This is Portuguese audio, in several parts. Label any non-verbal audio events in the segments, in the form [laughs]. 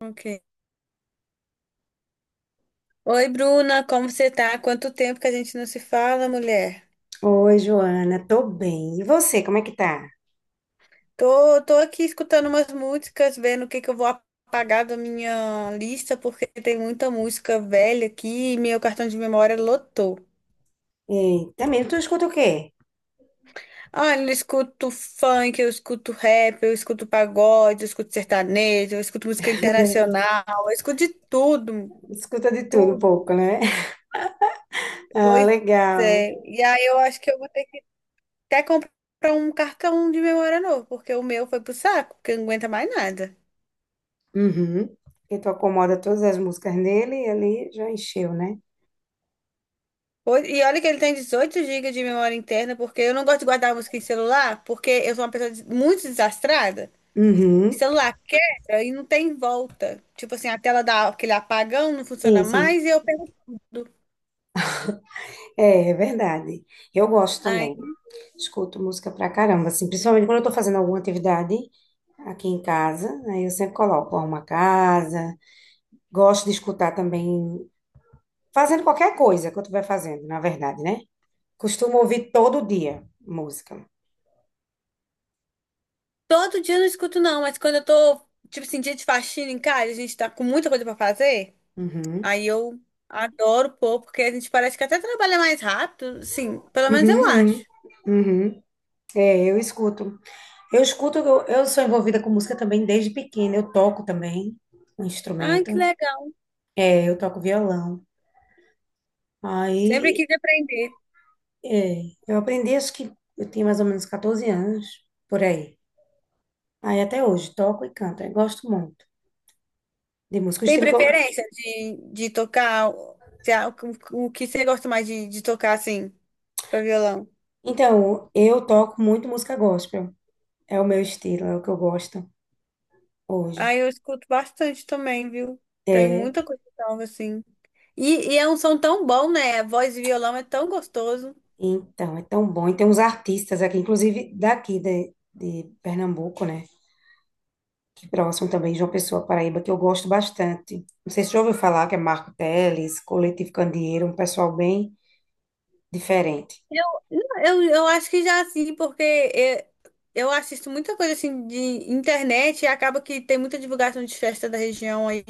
Ok. Oi, Bruna, como você tá? Quanto tempo que a gente não se fala, mulher? Oi, Joana, tô bem. E você, como é que tá? Tô aqui escutando umas músicas, vendo o que que eu vou apagar da minha lista, porque tem muita música velha aqui e meu cartão de memória lotou. Eita, mesmo, tu escuta o quê? Olha, eu escuto funk, eu escuto rap, eu escuto pagode, eu escuto sertanejo, eu escuto música internacional, eu escuto de tudo, Escuta de tudo um tudo. pouco, né? [laughs] Ah, Pois legal. é. E aí eu acho que eu Até comprar um cartão de memória novo, porque o meu foi pro saco, porque não aguenta mais nada. Uhum. Porque tu acomoda todas as músicas dele e ali já encheu, né? E olha que ele tem 18 gigas de memória interna, porque eu não gosto de guardar música em celular, porque eu sou uma pessoa muito desastrada. Uhum. Celular quebra e não tem volta. Tipo assim, a tela dá aquele apagão, não funciona Sim, sim. mais e eu perco tudo. É, é verdade. Eu gosto Ai, também. Escuto música pra caramba, assim, principalmente quando eu tô fazendo alguma atividade aqui em casa, aí eu sempre coloco uma casa. Gosto de escutar também, fazendo qualquer coisa que eu estiver fazendo, na verdade, né? Costumo ouvir todo dia música. todo dia eu não escuto, não, mas quando tipo assim, dia de faxina em casa, a gente tá com muita coisa pra fazer, Uhum. aí eu adoro pôr, porque a gente parece que até trabalha mais rápido, sim, pelo menos eu Uhum, uhum. acho. Uhum. É, eu escuto. Eu escuto, eu sou envolvida com música também desde pequena. Eu toco também um Ai, instrumento. que legal. É, eu toco violão. Sempre Aí, quis aprender. é, eu aprendi, acho que eu tinha mais ou menos 14 anos, por aí. Aí até hoje, toco e canto. Eu gosto muito de música. O Tem estilo que eu... preferência de tocar o, se a- o que você gosta mais de tocar, assim, pra violão? Então, eu toco muito música gospel. É o meu estilo, é o que eu gosto hoje. Ah, eu escuto bastante também, viu? Tem É, muita coisa nova, assim. E é um som tão bom, né? A voz de violão é tão gostoso. então, é tão bom. E tem uns artistas aqui, inclusive daqui de Pernambuco, né? Que próximo também, João Pessoa, Paraíba, que eu gosto bastante. Não sei se já ouviu falar, que é Marco Teles, Coletivo Candeeiro, um pessoal bem diferente. Eu, eu acho que já assim, eu assisto muita coisa assim de internet e acaba que tem muita divulgação de festa da região aí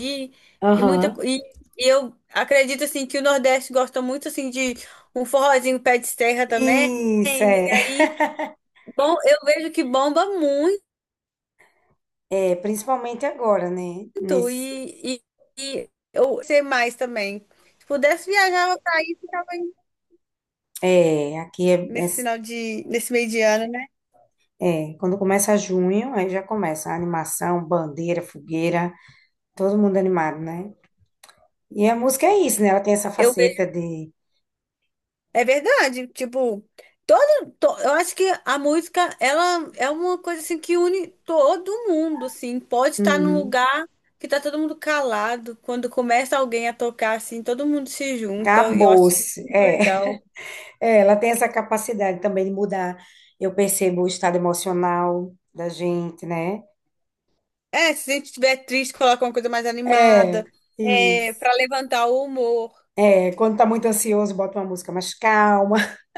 e muita Aham. co- e, e eu acredito assim que o Nordeste gosta muito assim de um forrozinho pé de serra também. Isso, é, Aí, bom, eu vejo que bomba muito [laughs] é principalmente agora, né? Nesse, e, e eu sei mais também. Se pudesse viajar, eu tava é, aqui é, nesse final de nesse meio de ano, né? é, é, quando começa junho, aí já começa a animação, bandeira, fogueira, todo mundo animado, né? E a música é isso, né? Ela tem essa eu faceta de... É verdade, tipo, eu acho que a música, ela é uma coisa assim que une todo mundo, assim, pode estar num Uhum. lugar que tá todo mundo calado, quando começa alguém a tocar, assim, todo mundo se junta, e eu acho isso Acabou-se. muito É. legal. [laughs] É, ela tem essa capacidade também de mudar. Eu percebo o estado emocional da gente, né? É, se a gente estiver triste, coloca uma coisa mais É, animada, é, para isso. levantar o humor. É, quando tá muito ansioso, bota uma música mais calma. [laughs]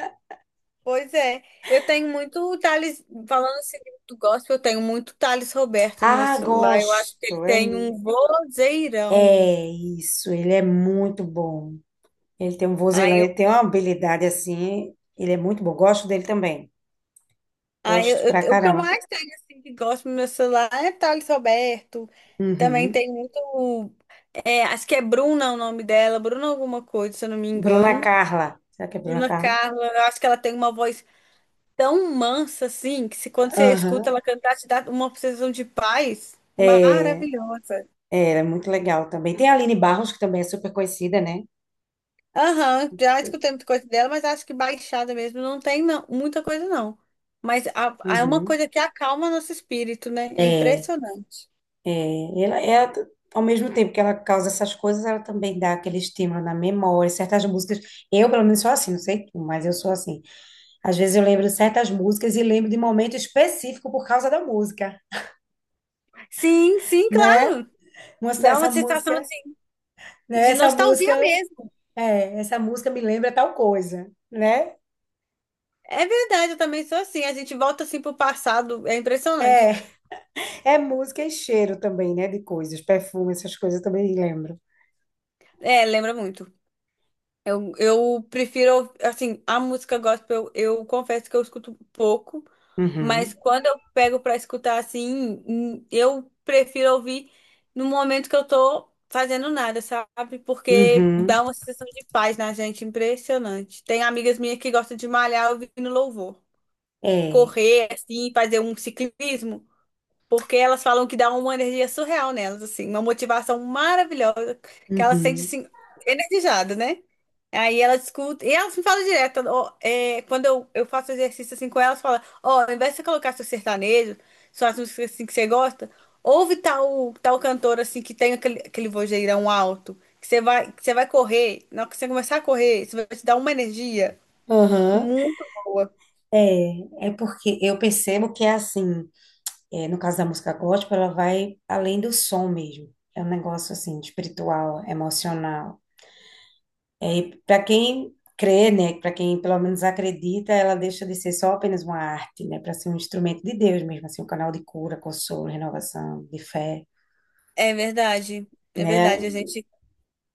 Pois é, eu tenho muito Thales, falando assim do gospel, eu tenho muito Thales Roberto no meu Ah, celular, eu acho que ele gosto. É, tem mi- um vozeirão. é isso, ele é muito bom. Ele tem um vozelão, ele tem uma habilidade assim. Ele é muito bom. Gosto dele também. Ah, Gosto pra o que eu caramba. mais tenho, assim, que gosto no meu celular é Thales Roberto. Também Uhum. tem muito. É, acho que é Bruna o nome dela, Bruna alguma coisa, se eu não me Bruna engano. Carla. Será que é Bruna Bruna Carla? Carla, eu acho que ela tem uma voz tão mansa, assim, que se, quando você escuta Aham. ela cantar, te dá uma sensação de paz É. maravilhosa. É, ela é muito legal também. Tem a Aline Barros, que também é super conhecida, né? Aham, já escutei muita coisa dela, mas acho que baixada mesmo não tem não, muita coisa, não. Mas é uma Uhum. coisa que acalma nosso espírito, né? É É, impressionante. é, ela, ao mesmo tempo que ela causa essas coisas, ela também dá aquele estímulo na memória, certas músicas. Eu, pelo menos, sou assim, não sei tu, mas eu sou assim. Às vezes eu lembro de certas músicas e lembro de momento específico por causa da música, Sim, sim, né? Nossa, dá essa uma sensação música, assim, né? de Essa música, nostalgia mesmo. é, essa música me lembra tal coisa, né? É verdade, eu também sou assim. A gente volta assim pro passado, é É, impressionante. é música e cheiro também, né? De coisas, perfume, essas coisas eu também lembro. É, lembra muito. Eu prefiro, assim, a música gospel, eu confesso que eu escuto pouco, mas Uhum, quando eu pego pra escutar assim, eu prefiro ouvir no momento que eu tô fazendo nada, sabe? Porque uhum, dá uma sensação de paz na gente, impressionante. Tem amigas minhas que gostam de malhar ouvindo louvor. é, Correr, assim, fazer um ciclismo. Porque elas falam que dá uma energia surreal nelas, assim, uma motivação maravilhosa, que elas sentem uhum, assim, energizada, né? Aí elas escutam, e elas me falam direto, ó, é, quando eu faço exercício assim com elas, fala, ó, ao invés de você colocar seu sertanejo, suas músicas assim que você gosta, ouve tal cantor assim que tem aquele vozeirão alto, que você vai correr, na hora que você começar a correr, isso vai te dar uma energia aham, muito boa. é, é porque eu percebo que é assim, é, no caso da música gospel, ela vai além do som mesmo, é um negócio assim, espiritual, emocional, é, para quem crê, né, para quem pelo menos acredita, ela deixa de ser só apenas uma arte, né, para ser um instrumento de Deus mesmo, assim, um canal de cura, consolo, renovação, de fé, É verdade, é né, verdade,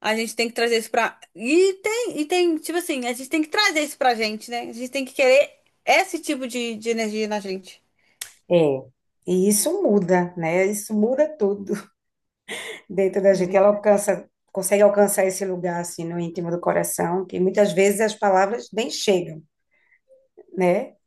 a gente tem que trazer isso pra. E tem, tipo assim, a gente tem que trazer isso pra gente, né? A gente tem que querer esse tipo de energia na gente. é, e isso muda, né, isso muda tudo dentro da gente. Ela alcança, consegue alcançar esse lugar assim no íntimo do coração, que muitas vezes as palavras nem chegam, né?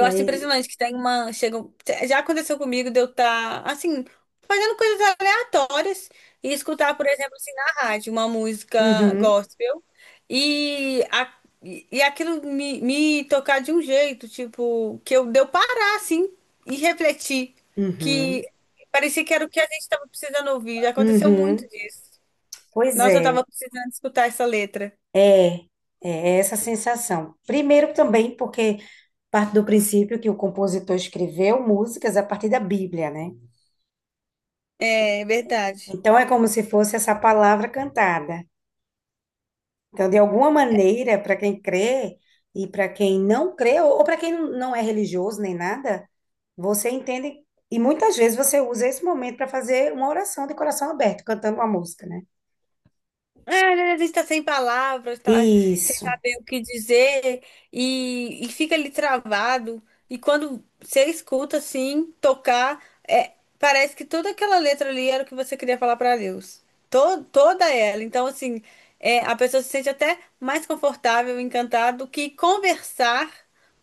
E acho aí, impressionante que tem uma. Chega, já aconteceu comigo de eu estar, assim, fazendo coisas aleatórias e escutar, por exemplo, assim, na rádio, uma música uhum, gospel. E, a, e e aquilo me tocar de um jeito, tipo, de eu parar, assim, e refletir. uhum, Que parecia que era o que a gente estava precisando ouvir. Já aconteceu muito uhum. disso. Pois Nossa, eu é, estava precisando escutar essa letra. é, é essa sensação. Primeiro também porque parte do princípio que o compositor escreveu músicas a partir da Bíblia, né? É verdade. Então é como se fosse essa palavra cantada. Então, de alguma maneira, para quem crê e para quem não crê, ou para quem não é religioso nem nada, você entende, e muitas vezes você usa esse momento para fazer uma oração de coração aberto, cantando uma música, né? Ah, a gente está sem palavras, tá sem Isso, saber o que dizer e fica ali travado. E quando você escuta assim, tocar, é, parece que toda aquela letra ali era o que você queria falar para Deus. Toda ela. Então, assim, é, a pessoa se sente até mais confortável, encantada, do que conversar,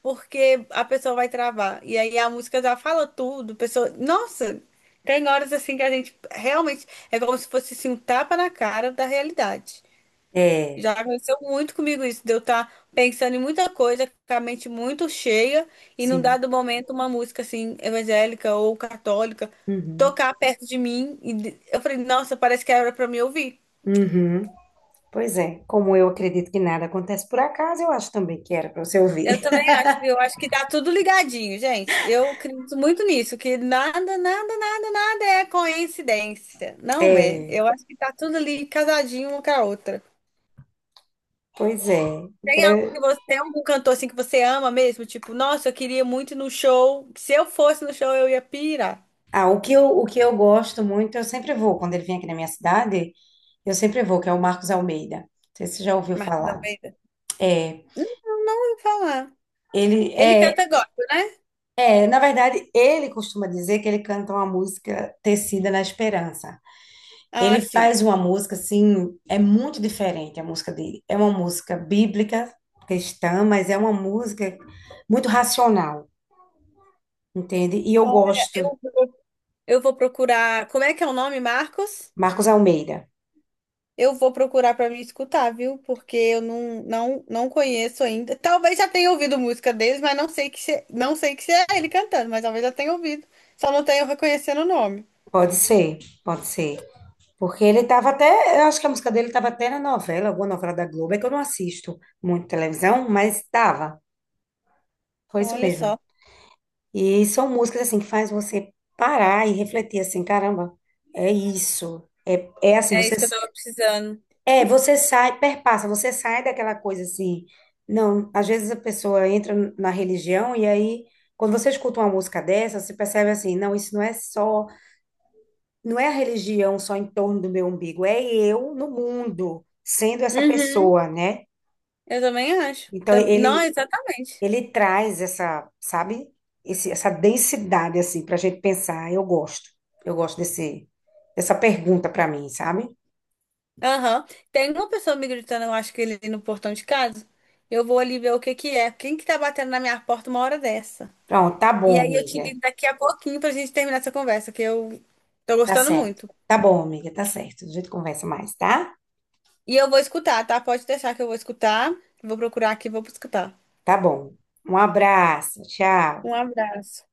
porque a pessoa vai travar. E aí a música já fala tudo, a pessoa. Nossa! Tem horas assim que a gente realmente é como se fosse assim, um tapa na cara da realidade. é, Já aconteceu muito comigo isso, de eu estar pensando em muita coisa, com a mente muito cheia, e num sim. dado momento uma música assim, evangélica ou católica, Uhum, tocar perto de mim, eu falei, nossa, parece que era para me ouvir. uhum. Pois é, como eu acredito que nada acontece por acaso, eu acho também que era para você ouvir. Eu também [laughs] acho, viu? Eu acho que tá tudo ligadinho, gente. Eu acredito muito nisso, que nada é coincidência. Não é. É, Eu acho que tá tudo ali casadinho uma com a outra. pois é. Então, Tem algum cantor assim que você ama mesmo? Tipo, nossa, eu queria muito ir no show. Se eu fosse no show, eu ia pirar. ah, o que eu gosto muito, eu sempre vou, quando ele vem aqui na minha cidade, eu sempre vou, que é o Marcos Almeida. Não sei se você já ouviu Marcos falar. Almeida? É, Não vou falar. ele Ele é, canta gospel, né? é, na verdade, ele costuma dizer que ele canta uma música tecida na esperança. Ah, Ele sim. faz uma música assim, é muito diferente a música dele. É uma música bíblica, cristã, mas é uma música muito racional, entende? E eu Olha, gosto. Eu vou procurar. Como é que é o nome, Marcos? Marcos Almeida. Eu vou procurar pra me escutar, viu? Porque eu não conheço ainda. Talvez já tenha ouvido música deles, mas não sei que se é ele cantando, mas talvez já tenha ouvido. Só não tenho reconhecendo o nome. Pode ser, pode ser. Porque ele estava até, eu acho que a música dele estava até na novela, alguma novela da Globo, é que eu não assisto muito televisão, mas estava. Foi isso Olha mesmo. só. E são músicas assim que faz você parar e refletir assim, caramba, é isso. É, é assim, É você isso que eu tava precisando. é, você sai, perpassa, você sai daquela coisa assim. Não, às vezes a pessoa entra na religião e aí quando você escuta uma música dessa, você percebe assim, não, isso não é só, não é a religião só em torno do meu umbigo, é eu no mundo, sendo essa Uhum. pessoa, né? Eu também acho. Então Não, ele exatamente. Ele traz essa, sabe? Esse- essa densidade, assim, pra gente pensar. Eu gosto. Eu gosto dessa pergunta pra mim, sabe? Aham. Tem uma pessoa me gritando, eu acho que ele no portão de casa. Eu vou ali ver o que que é. Quem que tá batendo na minha porta uma hora dessa? Pronto, tá E bom, aí eu te amiga. ligo daqui a pouquinho pra gente terminar essa conversa, que eu tô Tá gostando certo. muito. Tá bom, amiga, tá certo. A gente conversa mais, tá? E eu vou escutar, tá? Pode deixar que eu vou escutar. Vou procurar aqui, e vou escutar. Tá bom. Um abraço. Tchau. Um abraço.